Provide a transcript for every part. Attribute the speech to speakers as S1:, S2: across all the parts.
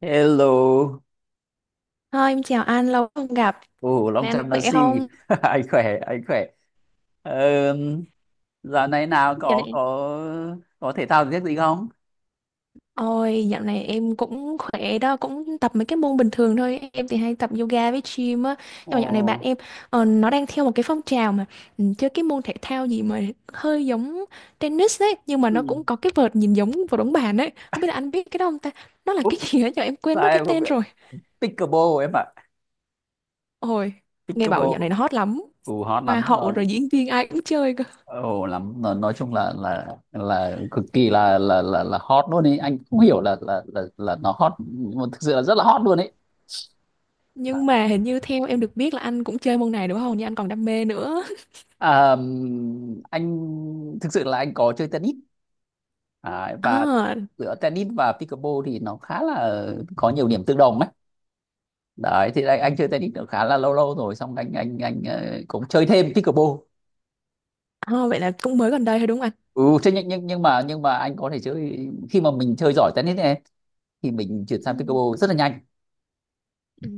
S1: Hello,
S2: Thôi em chào anh, lâu không gặp.
S1: ồ, long
S2: Này anh
S1: time no
S2: khỏe
S1: see.
S2: không?
S1: Anh khỏe, anh khỏe. Um, dạo này nào
S2: Dạo này
S1: có thể thao giết gì không?
S2: Ôi, dạo này em cũng khỏe đó, cũng tập mấy cái môn bình thường thôi. Em thì hay tập yoga với gym á.
S1: Ồ,
S2: Nhưng mà dạo này bạn em nó đang theo một cái phong trào mà chơi cái môn thể thao gì mà hơi giống tennis đấy, nhưng mà nó
S1: ừ.
S2: cũng có cái vợt nhìn giống vợt bóng bàn ấy. Không biết là anh biết cái đó không ta? Nó là
S1: Úp,
S2: cái gì ấy giờ em quên
S1: sao
S2: mất cái
S1: em không
S2: tên
S1: biết?
S2: rồi.
S1: Pickleball em ạ,
S2: Ôi, nghe bảo
S1: pickleball,
S2: dạo này nó hot lắm.
S1: ồ hot
S2: Hoa
S1: lắm.
S2: hậu
S1: Ờ,
S2: rồi diễn viên ai cũng chơi cơ.
S1: ồ lắm. Nói chung là cực kỳ là hot luôn ấy. Anh không hiểu là nó hot, nhưng mà thực sự là rất là hot luôn ấy.
S2: Nhưng
S1: À,
S2: mà hình như theo em được biết là anh cũng chơi môn này đúng không? Nhưng anh còn đam mê nữa.
S1: anh thực sự là anh có chơi tennis đấy, và
S2: À,
S1: giữa tennis và pickleball thì nó khá là có nhiều điểm tương đồng ấy. Đấy thì anh chơi tennis được khá là lâu lâu rồi, xong anh cũng chơi thêm pickleball.
S2: à, vậy là cũng mới gần đây thôi đúng không anh?
S1: Ừ, thế nhưng mà anh có thể chơi khi mà mình chơi giỏi tennis này, thì mình chuyển sang
S2: Ừ.
S1: pickleball rất là nhanh.
S2: Ừ.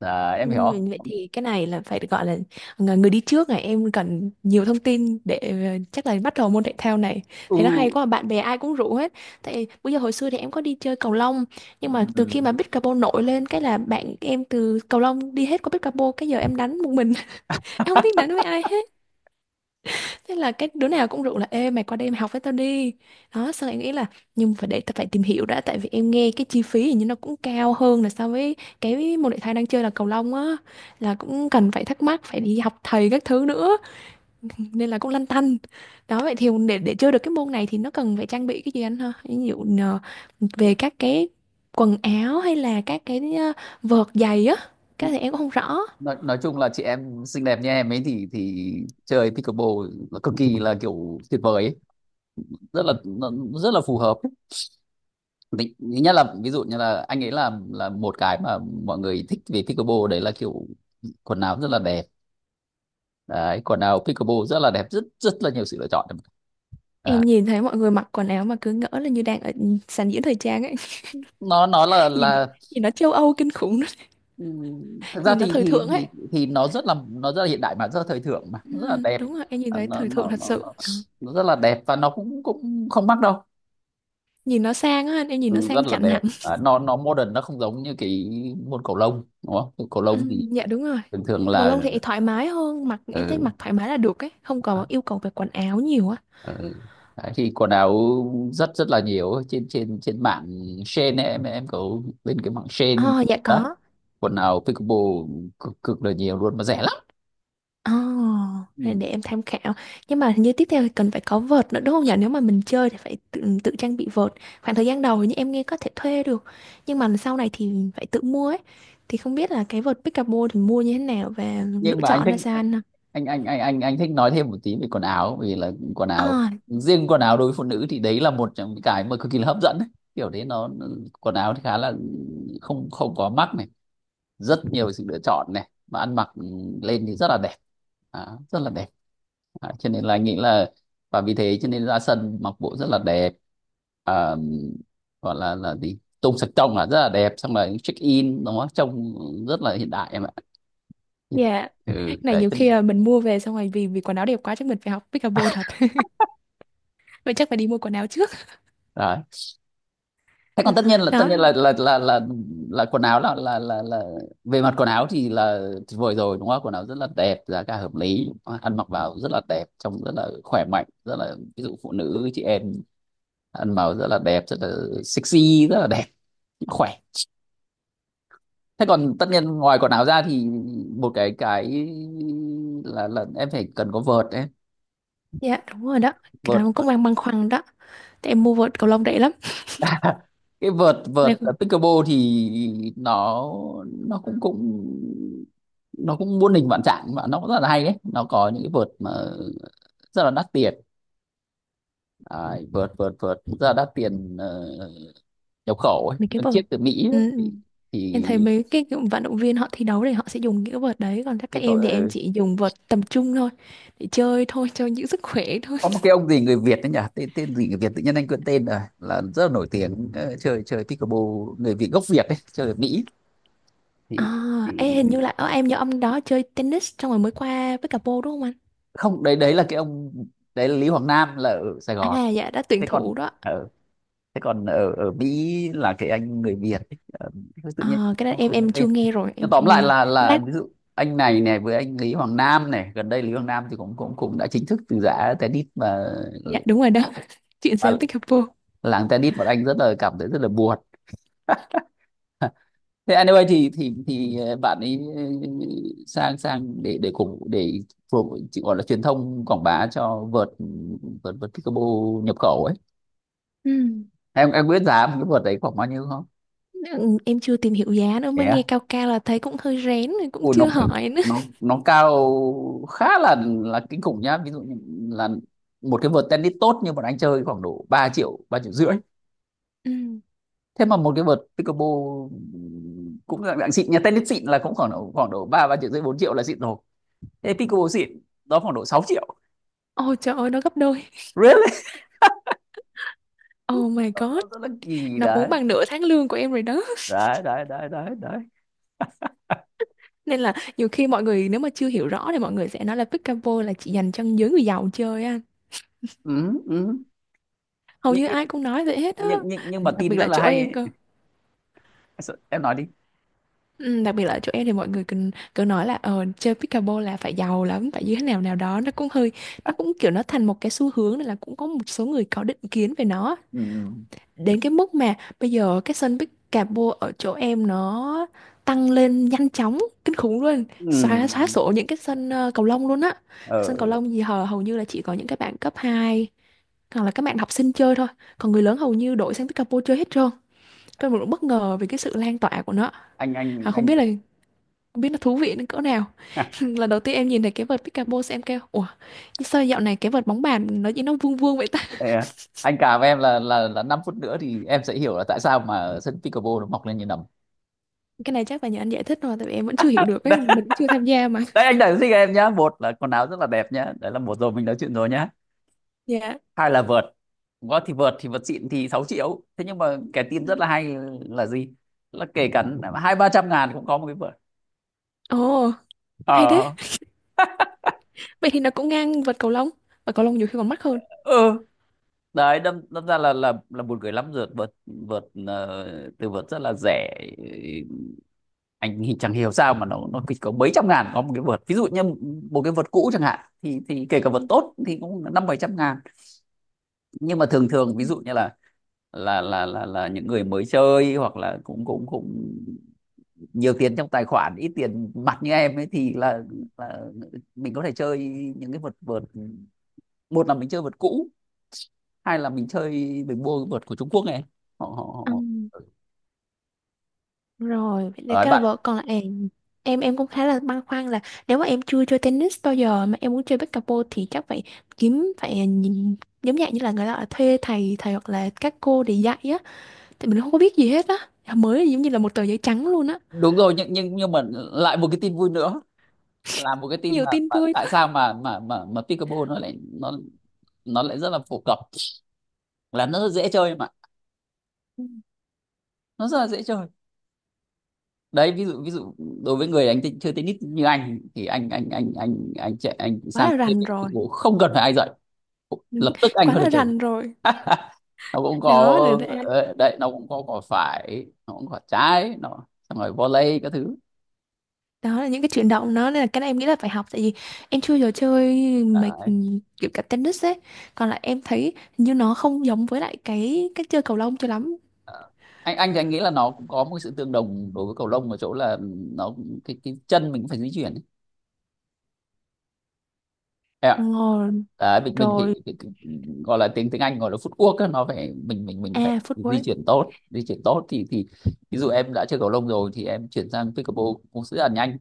S1: Đấy,
S2: Ừ,
S1: em hiểu
S2: vậy
S1: không?
S2: thì cái này là phải gọi là người đi trước này em cần nhiều thông tin để chắc là bắt đầu môn thể thao này,
S1: Ừ.
S2: thấy nó hay quá bạn bè ai cũng rủ hết. Tại bây giờ hồi xưa thì em có đi chơi cầu lông, nhưng mà từ
S1: Ừ.
S2: khi mà pickleball nổi lên cái là bạn em từ cầu lông đi hết qua pickleball, cái giờ em đánh một mình. Em không biết đánh với ai hết. Thế là cái đứa nào cũng rủ là ê mày qua đây mày học với tao đi. Đó, xong em nghĩ là nhưng phải để tao phải tìm hiểu đã, tại vì em nghe cái chi phí hình như nó cũng cao hơn là so với cái môn thể thao đang chơi là cầu lông á, là cũng cần phải thắc mắc phải đi học thầy các thứ nữa, nên là cũng lăn tăn. Đó vậy thì để chơi được cái môn này thì nó cần phải trang bị cái gì anh ha? Ví dụ về các cái quần áo hay là các cái vợt giày á, cái thì em cũng không rõ.
S1: Nói chung là chị em xinh đẹp như em ấy thì chơi pickleball là cực kỳ là kiểu tuyệt vời ấy. Rất là rất là phù hợp. Thứ nhất là ví dụ như là anh ấy, là một cái mà mọi người thích về pickleball đấy là kiểu quần áo rất là đẹp. Đấy, quần áo pickleball rất là đẹp, rất rất là nhiều sự lựa chọn.
S2: Em
S1: Đấy.
S2: nhìn thấy mọi người mặc quần áo mà cứ ngỡ là như đang ở sàn diễn thời trang ấy.
S1: Nó
S2: Nhìn
S1: là
S2: nhìn nó châu Âu kinh khủng.
S1: thực ra
S2: Nhìn nó
S1: thì
S2: thời thượng ấy.
S1: nó rất là, nó rất là hiện đại mà rất là thời thượng mà nó rất là
S2: Ừ,
S1: đẹp.
S2: đúng rồi em nhìn
S1: À,
S2: thấy thời thượng thật sự. Đó.
S1: nó rất là đẹp và nó cũng cũng không mắc đâu.
S2: Nhìn nó sang á, em nhìn nó
S1: Ừ, rất
S2: sang
S1: là
S2: chảnh
S1: đẹp.
S2: hẳn.
S1: À, nó modern, nó không giống như cái môn cầu lông đúng không? Cầu lông
S2: Ừ,
S1: thì
S2: dạ đúng rồi.
S1: thường thường
S2: Cầu lông
S1: là
S2: thì thoải mái hơn, mặc em thấy
S1: ừ.
S2: mặc thoải mái là được ấy, không còn yêu cầu về quần áo nhiều á.
S1: Ừ. Đấy, thì quần áo rất rất là nhiều trên trên trên mạng Shein ấy, em có bên cái mạng Shein
S2: Ờ dạ
S1: đó
S2: có.
S1: quần áo pickleball cực cực là nhiều luôn mà rẻ lắm.
S2: Ồ, rồi
S1: Ừ.
S2: để em tham khảo. Nhưng mà hình như tiếp theo thì cần phải có vợt nữa đúng không nhỉ? Nếu mà mình chơi thì phải tự trang bị vợt. Khoảng thời gian đầu hình như em nghe có thể thuê được. Nhưng mà sau này thì phải tự mua ấy. Thì không biết là cái vợt Pickleball thì mua như thế nào và
S1: Nhưng
S2: lựa
S1: mà anh
S2: chọn
S1: thích,
S2: ra sao anh?
S1: anh thích nói thêm một tí về quần áo, vì là quần áo,
S2: À,
S1: riêng quần áo đối với phụ nữ thì đấy là một trong những cái mà cực kỳ là hấp dẫn ấy. Kiểu đấy, nó quần áo thì khá là không không có mắc này, rất nhiều sự lựa chọn này, mà ăn mặc lên thì rất là đẹp. Đó, rất là đẹp. À, cho nên là nghĩ là, và vì thế cho nên ra sân mặc bộ rất là đẹp. À, gọi là gì tông sạch trông là rất là đẹp, xong rồi check in nó trông rất là hiện đại em ạ.
S2: dạ.
S1: Ừ,
S2: Cái này nhiều khi là mình mua về xong rồi vì vì quần áo đẹp quá chắc mình phải học Pickleball thật. Vậy chắc phải đi mua quần áo trước.
S1: đấy. Thế còn tất nhiên là,
S2: Đó.
S1: quần áo là, về mặt quần áo thì là tuyệt vời rồi đúng không? Quần áo rất là đẹp, giá cả hợp lý, ăn mặc vào rất là đẹp, trông rất là khỏe mạnh, rất là, ví dụ phụ nữ chị em ăn vào rất là đẹp, rất là sexy, rất là đẹp, khỏe. Thế còn tất nhiên ngoài quần áo ra thì một cái là em phải cần có vợt đấy.
S2: Dạ, đúng rồi đó.
S1: Vợt,
S2: Cái đó cũng
S1: vợt.
S2: đang băn khoăn đó. Tại em mua vợt cầu lông rẻ lắm.
S1: Cái vợt, vợt
S2: Nên là
S1: ở pickleball thì nó cũng cũng nó cũng muôn hình vạn trạng, mà nó cũng rất là hay đấy. Nó có những cái vợt mà rất là đắt tiền. À, vợt vợt vợt rất là đắt tiền. Ờ, Nhập khẩu ấy.
S2: cái
S1: Một
S2: vợt.
S1: chiếc từ Mỹ ấy,
S2: Ừ. Ừ.
S1: thì
S2: Em thấy mấy cái kiểu vận động viên họ thi đấu thì họ sẽ dùng những cái vợt đấy, còn các
S1: cái cậu
S2: em thì em chỉ dùng vợt tầm trung thôi để chơi thôi cho những sức khỏe thôi.
S1: có một cái ông gì người Việt đấy nhỉ, tên tên gì người Việt, tự nhiên anh quên tên rồi, là rất là nổi tiếng, chơi, chơi pickleball, người Việt gốc Việt đấy chơi ở Mỹ
S2: À,
S1: thì, thì
S2: ê, hình như là ở em nhớ ông đó chơi tennis xong rồi mới qua với cả pô đúng không
S1: không, đấy đấy là cái ông, đấy là Lý Hoàng Nam là ở Sài
S2: anh?
S1: Gòn.
S2: À dạ đã tuyển
S1: Thế còn
S2: thủ đó.
S1: ở, thế còn ở ở Mỹ là cái anh người Việt ấy. Ờ, tự nhiên
S2: À, cái đó
S1: không
S2: em
S1: không nhớ
S2: em chưa
S1: tên.
S2: nghe rồi
S1: Nhưng
S2: em
S1: tóm
S2: chưa
S1: lại
S2: nghe rồi,
S1: là
S2: lát.
S1: ví dụ anh này này với anh Lý Hoàng Nam này gần đây, Lý Hoàng Nam thì cũng cũng cũng đã chính thức từ giã tennis mà,
S2: Dạ đúng rồi đó. Chuyện
S1: và
S2: sang pickleball.
S1: làng tennis bọn anh rất là cảm thấy rất là buồn. Thế anh ơi thì bạn ấy sang, sang để cùng để phục chị gọi là truyền thông quảng bá cho vợt, vợt vợt Peekaboo nhập khẩu ấy.
S2: Ừ.
S1: Em biết giá một cái vợt đấy khoảng bao nhiêu không?
S2: Ừ, em chưa tìm hiểu giá nữa,
S1: Thế.
S2: mới
S1: Yeah.
S2: nghe cao cao là thấy cũng hơi rén rồi cũng
S1: Ui, nó,
S2: chưa hỏi nữa.
S1: nó cao, khá là kinh khủng nhá. Ví dụ như là một cái vợt tennis tốt như bọn anh chơi khoảng độ 3 triệu 3,5 triệu
S2: Ừ.
S1: Thế mà một cái vợt Peekaboo cũng dạng dạng xịn nhà, tennis xịn là cũng khoảng độ, khoảng độ 3, 3,5 triệu 4 triệu là xịn rồi. Thế Peekaboo xịn đó khoảng độ 6 triệu.
S2: Ôi trời ơi nó gấp đôi.
S1: Really?
S2: Oh my god.
S1: Nó kỳ
S2: Nó muốn
S1: đấy.
S2: bằng nửa tháng lương của em rồi đó.
S1: Đấy, đấy, đấy, đấy, đấy.
S2: Nên là nhiều khi mọi người nếu mà chưa hiểu rõ thì mọi người sẽ nói là pickleball là chỉ dành cho giới người giàu chơi á,
S1: Ừ, ừ.
S2: hầu
S1: Nhưng,
S2: như
S1: nhưng,
S2: ai cũng nói vậy hết á,
S1: nhưng, mà
S2: đặc biệt
S1: tin rất
S2: là
S1: là
S2: chỗ
S1: hay
S2: em
S1: ấy.
S2: cơ.
S1: Em nói đi.
S2: Ừ, đặc biệt là chỗ em thì mọi người cứ nói là chơi pickleball là phải giàu lắm phải như thế nào nào đó, nó cũng hơi, nó cũng kiểu nó thành một cái xu hướng nên là cũng có một số người có định kiến về nó
S1: Ừ.
S2: đến cái mức mà bây giờ cái sân Bicabo ở chỗ em nó tăng lên nhanh chóng kinh khủng luôn. Xóa xóa
S1: Ừ.
S2: sổ những cái sân cầu lông luôn á.
S1: Ờ,
S2: Sân cầu lông gì hầu hầu như là chỉ có những cái bạn cấp 2 hoặc là các bạn học sinh chơi thôi, còn người lớn hầu như đổi sang Bicabo chơi hết trơn. Tôi mình cũng bất ngờ về cái sự lan tỏa của nó. À, không
S1: anh.
S2: biết là không biết nó thú vị đến cỡ nào. Lần đầu tiên em nhìn thấy cái vợt Bicabo em kêu ủa sao dạo này cái vợt bóng bàn nó chỉ nó vuông vuông vậy ta?
S1: Thế à? Anh cả với em là 5 phút nữa thì em sẽ hiểu là tại sao mà ở sân pickleball nó mọc lên như nấm.
S2: Cái này chắc là nhờ anh giải thích rồi, tại vì em vẫn chưa hiểu được ấy,
S1: Đấy,
S2: mình cũng chưa tham gia mà.
S1: đấy anh đã sinh em nhá. Một là quần áo rất là đẹp nhá. Đấy là một rồi, mình nói chuyện rồi nhá.
S2: Dạ.
S1: Hai là vợt. Có thì vợt, thì vợt xịn thì 6 triệu. Thế nhưng mà cái tin rất là hay là gì? Là kể cả 2-300 ngàn cũng có một cái vợt.
S2: Ồ, hay thế.
S1: Ờ.
S2: Vậy thì nó cũng ngang vợt cầu lông, và cầu lông nhiều khi còn mắc hơn.
S1: Ừ. Đấy, đâm đâm ra là buồn cười lắm, vượt, vượt vượt từ vượt rất là rẻ. Anh thì chẳng hiểu sao mà nó chỉ có mấy trăm ngàn có một cái vợt. Ví dụ như một cái vợt cũ chẳng hạn thì kể cả
S2: Ừ.
S1: vợt tốt thì cũng 5-700 ngàn. Nhưng mà thường thường ví dụ như là là những người mới chơi, hoặc là cũng cũng cũng nhiều tiền trong tài khoản, ít tiền mặt như em ấy, thì là mình có thể chơi những cái vợt, vợt, một là mình chơi vợt cũ, hay là mình chơi, mình mua cái vợt của Trung Quốc này. Họ họ Họ.
S2: Ừm, rồi vậy thì
S1: Ấy
S2: cái là
S1: bạn,
S2: vợ còn lại, em cũng khá là băn khoăn là nếu mà em chưa chơi tennis bao giờ mà em muốn chơi pickleball thì chắc phải kiếm phải nhìn giống dạng như là người ta ở thuê thầy thầy hoặc là các cô để dạy á, thì mình không có biết gì hết á. Dạ, mới giống như là một tờ giấy trắng luôn á.
S1: đúng rồi. Nhưng mà lại một cái tin vui nữa là một cái tin
S2: Nhiều tin
S1: mà
S2: vui
S1: tại
S2: quá.
S1: sao mà pickleball nó lại rất là phổ cập. Là nó rất dễ chơi mà,
S2: Ừ.
S1: nó rất là dễ chơi. Đấy, ví dụ, ví dụ đối với người đánh chơi tennis như anh thì anh chạy, anh
S2: Quá
S1: sang
S2: là
S1: chơi
S2: rành rồi.
S1: pickleball không cần phải ai dạy,
S2: Đúng.
S1: lập tức anh
S2: Quá
S1: có thể
S2: là
S1: chơi.
S2: rành rồi.
S1: Nó cũng có,
S2: đó là là-
S1: đấy nó cũng có cỏ phải, nó cũng có quả trái nó, xong rồi volley các thứ.
S2: Đó là những cái chuyển động nó, nên là cái này em nghĩ là phải học, tại vì em chưa giờ chơi mấy kiểu cả tennis ấy. Còn lại em thấy hình như nó không giống với lại cái cách chơi cầu lông cho lắm.
S1: Anh thì anh nghĩ là nó cũng có một sự tương đồng đối với cầu lông ở chỗ là nó, cái chân mình cũng phải di chuyển ấy. Em ạ.
S2: Ngồi
S1: Đấy, mình phải,
S2: rồi.
S1: phải, phải gọi là tiếng, tiếng Anh gọi là footwork ấy, nó phải, mình phải
S2: À
S1: di
S2: footwork.
S1: chuyển tốt, di chuyển tốt thì ví dụ em đã chơi cầu lông rồi thì em chuyển sang pickleball cũng sẽ là nhanh.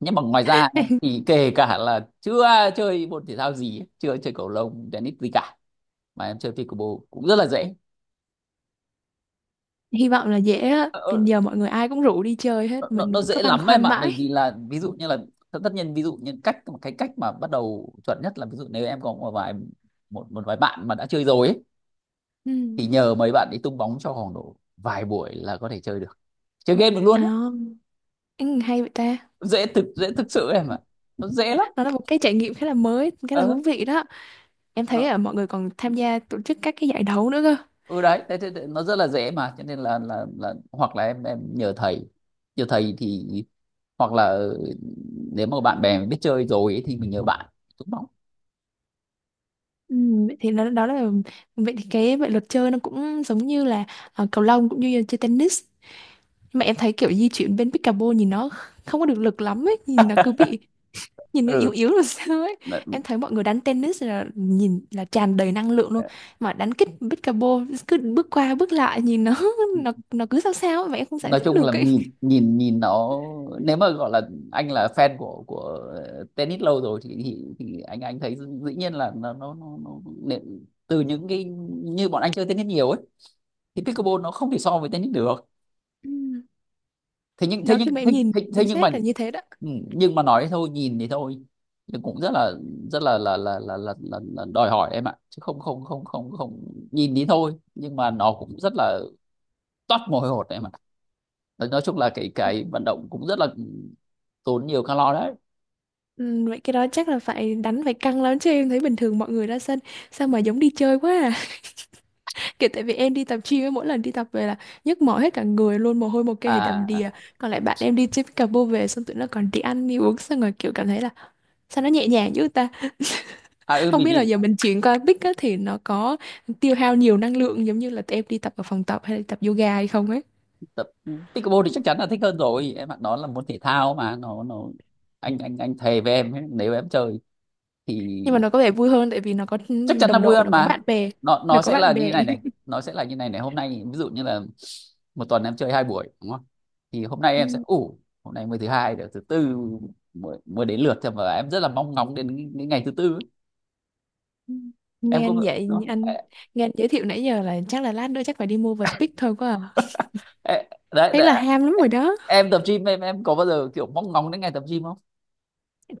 S1: Nhưng mà ngoài ra thì kể cả là chưa chơi môn thể thao gì, chưa chơi cầu lông tennis gì cả mà em chơi pickleball cũng rất là dễ.
S2: Hy vọng là dễ á.
S1: Ờ,
S2: Thì
S1: ờ,
S2: giờ mọi người ai cũng rủ đi chơi hết, mình
S1: nó
S2: cứ
S1: dễ
S2: băn
S1: lắm em
S2: khoăn
S1: ạ. Bởi
S2: mãi.
S1: vì là ví dụ như là tất, tất nhiên ví dụ như cách, một cái cách mà bắt đầu chuẩn nhất là ví dụ nếu em có một một vài bạn mà đã chơi rồi ấy,
S2: Ừ.
S1: thì nhờ mấy bạn đi tung bóng cho khoảng độ vài buổi là có thể chơi được, chơi game được luôn ấy.
S2: À, ừ, hay vậy ta.
S1: Dễ thực, dễ thực sự em ạ, nó dễ lắm.
S2: Nó là một cái trải nghiệm khá là mới khá là
S1: Ờ.
S2: thú vị đó. Em thấy
S1: Nó.
S2: là mọi người còn tham gia tổ chức các cái giải đấu nữa cơ.
S1: Ừ đấy thế, thế, thế, nó rất là dễ, mà cho nên là hoặc là em nhờ thầy, nhờ thầy thì hoặc là nếu mà bạn bè mình biết chơi rồi ấy, thì mình nhờ bạn tung bóng.
S2: Ừ, vậy thì đó là vậy thì cái vậy luật chơi nó cũng giống như là cầu lông cũng như là chơi tennis, nhưng mà em thấy kiểu di chuyển bên pickleball nhìn nó không có được lực lắm ấy, nhìn nó cứ bị, nhìn nó yếu
S1: Ừ.
S2: yếu rồi sao ấy. Em thấy mọi người đánh tennis là nhìn là tràn đầy năng lượng luôn, mà đánh kích pickleball cứ bước qua bước lại nhìn nó nó cứ sao sao ấy, mà em không giải
S1: Nói
S2: thích
S1: chung
S2: được
S1: là
S2: ấy.
S1: nhìn, nhìn nhìn nó, nếu mà gọi là anh là fan của tennis lâu rồi thì anh thấy dĩ nhiên là nó nó để- từ những cái như bọn anh chơi tennis nhiều ấy thì pickleball nó không thể so với tennis được.
S2: Ừ.
S1: Thế nhưng thế
S2: Đó
S1: nhưng
S2: khi mà em
S1: thế,
S2: nhìn
S1: thế, thế
S2: chính
S1: nhưng mà
S2: xác là như thế đó.
S1: ừ, nhưng mà nói thôi, nhìn thì thôi, nhưng cũng rất là, rất là là đòi hỏi em ạ, chứ không, không không không không nhìn thì thôi, nhưng mà nó cũng rất là toát mồ hôi hột em ạ. Nói chung là cái vận động cũng rất là tốn nhiều calo đấy.
S2: Ừ, vậy cái đó chắc là phải đánh phải căng lắm, chứ em thấy bình thường mọi người ra sân sao mà giống đi chơi quá à. Kiểu tại vì em đi tập gym ấy, mỗi lần đi tập về là nhức mỏi hết cả người luôn, mồ hôi một cái đầm
S1: À,
S2: đìa. Còn lại bạn em đi chơi pickleball về xong tụi nó còn đi ăn đi uống xong rồi kiểu cảm thấy là sao nó nhẹ nhàng dữ ta.
S1: à. Ừ.
S2: Không
S1: Mình
S2: biết là
S1: bị,
S2: giờ mình chuyển qua pick á thì nó có tiêu hao nhiều năng lượng giống như là tụi em đi tập ở phòng tập hay là tập yoga hay không ấy.
S1: tập pickleball thì chắc chắn là thích hơn rồi em bạn đó, là môn thể thao mà nó, anh thề với em ấy, nếu em chơi thì
S2: Nhưng mà nó có vẻ vui hơn tại vì nó có
S1: chắc chắn là
S2: đồng
S1: vui
S2: đội,
S1: hơn
S2: nó có bạn
S1: mà.
S2: bè,
S1: nó
S2: nó
S1: nó
S2: có
S1: sẽ là
S2: bạn
S1: như
S2: bè.
S1: này này, nó sẽ là như này này, hôm nay ví dụ như là một tuần em chơi 2 buổi đúng không, thì hôm nay em sẽ
S2: Ừ,
S1: ủ, hôm nay mới thứ hai được, thứ tư mới, mới đến lượt thôi, mà em rất là mong ngóng đến cái ngày thứ tư ấy.
S2: ừ. Nghe
S1: Em có
S2: anh vậy
S1: đó.
S2: anh, nghe anh giới thiệu nãy giờ là chắc là lát nữa chắc phải đi mua vợt pick thôi quá à.
S1: Ê, đấy,
S2: Thế
S1: đấy,
S2: là ham lắm rồi đó.
S1: em tập gym em có bao giờ kiểu mong ngóng đến ngày tập gym không?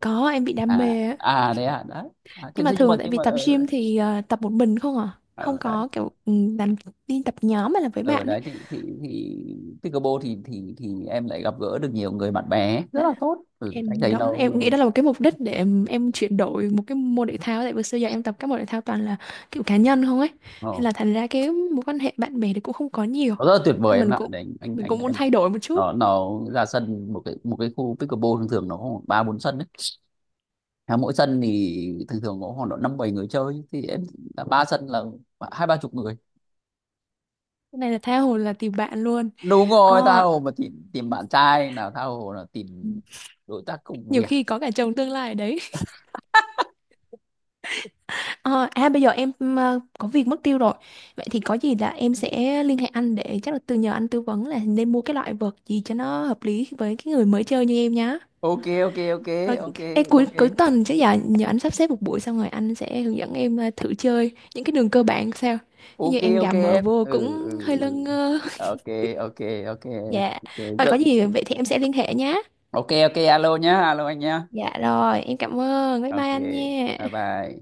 S2: Có em bị đam
S1: À,
S2: mê á.
S1: à đấy, à đấy. À, thế
S2: Nhưng mà
S1: thế nhưng
S2: thường
S1: mà,
S2: là tại
S1: nhưng
S2: vì
S1: mà
S2: tập
S1: ở,
S2: gym thì tập một mình không à? Không
S1: ở đấy,
S2: có kiểu làm đi tập nhóm mà là với
S1: ở
S2: bạn ấy.
S1: đấy thì pickleball thì em lại gặp gỡ được nhiều người, bạn bè rất
S2: Đó.
S1: là tốt. Ừ, anh
S2: Em
S1: thấy
S2: đó, em nghĩ đó là một cái mục đích để em chuyển đổi một cái môn thể thao tại vì xưa giờ em tập các môn thể thao toàn là kiểu cá nhân không ấy. Nên
S1: nó
S2: là thành ra cái mối quan hệ bạn bè thì cũng không có nhiều.
S1: nó rất là tuyệt vời
S2: Thôi
S1: em ạ. Đấy, anh
S2: mình
S1: anh
S2: cũng muốn
S1: em.
S2: thay đổi một chút.
S1: Nó ra sân một cái, một cái khu pickleball thường thường nó khoảng 3-4 sân đấy. À, mỗi sân thì thường thường có khoảng độ 5-7 người chơi, thì em, là ba sân là 2-3 chục người.
S2: Cái này là tha hồ là tìm bạn luôn.
S1: Đúng rồi, tha
S2: Ờ,
S1: hồ mà tìm, tìm bạn trai nào, tha hồ là tìm đối tác công
S2: nhiều
S1: việc.
S2: khi có cả chồng tương lai ở đấy. Ờ, à bây giờ em có việc mất tiêu rồi. Vậy thì có gì là em sẽ liên hệ anh để chắc là từ nhờ anh tư vấn là nên mua cái loại vợt gì cho nó hợp lý với cái người mới chơi như em nhá.
S1: OK, OK, OK.
S2: Rồi
S1: OK,
S2: ê, cuối
S1: OK,
S2: cuối tuần chứ giờ nhờ anh sắp xếp một buổi xong rồi anh sẽ hướng dẫn em thử chơi những cái đường cơ bản sao. Chứ như
S1: OK.
S2: em
S1: OK
S2: gà mờ
S1: em,
S2: vô
S1: ừ,
S2: cũng
S1: ừ,
S2: hơi lơ
S1: ừ.
S2: ngơ.
S1: OK, OK. OK,
S2: Dạ.
S1: OK
S2: Rồi có
S1: giận.
S2: gì vậy thì em sẽ liên hệ nhá.
S1: OK, OK, alo nhá, alo anh nhá.
S2: Dạ rồi, em cảm ơn. Bye bye
S1: OK,
S2: anh nha.
S1: bye bye.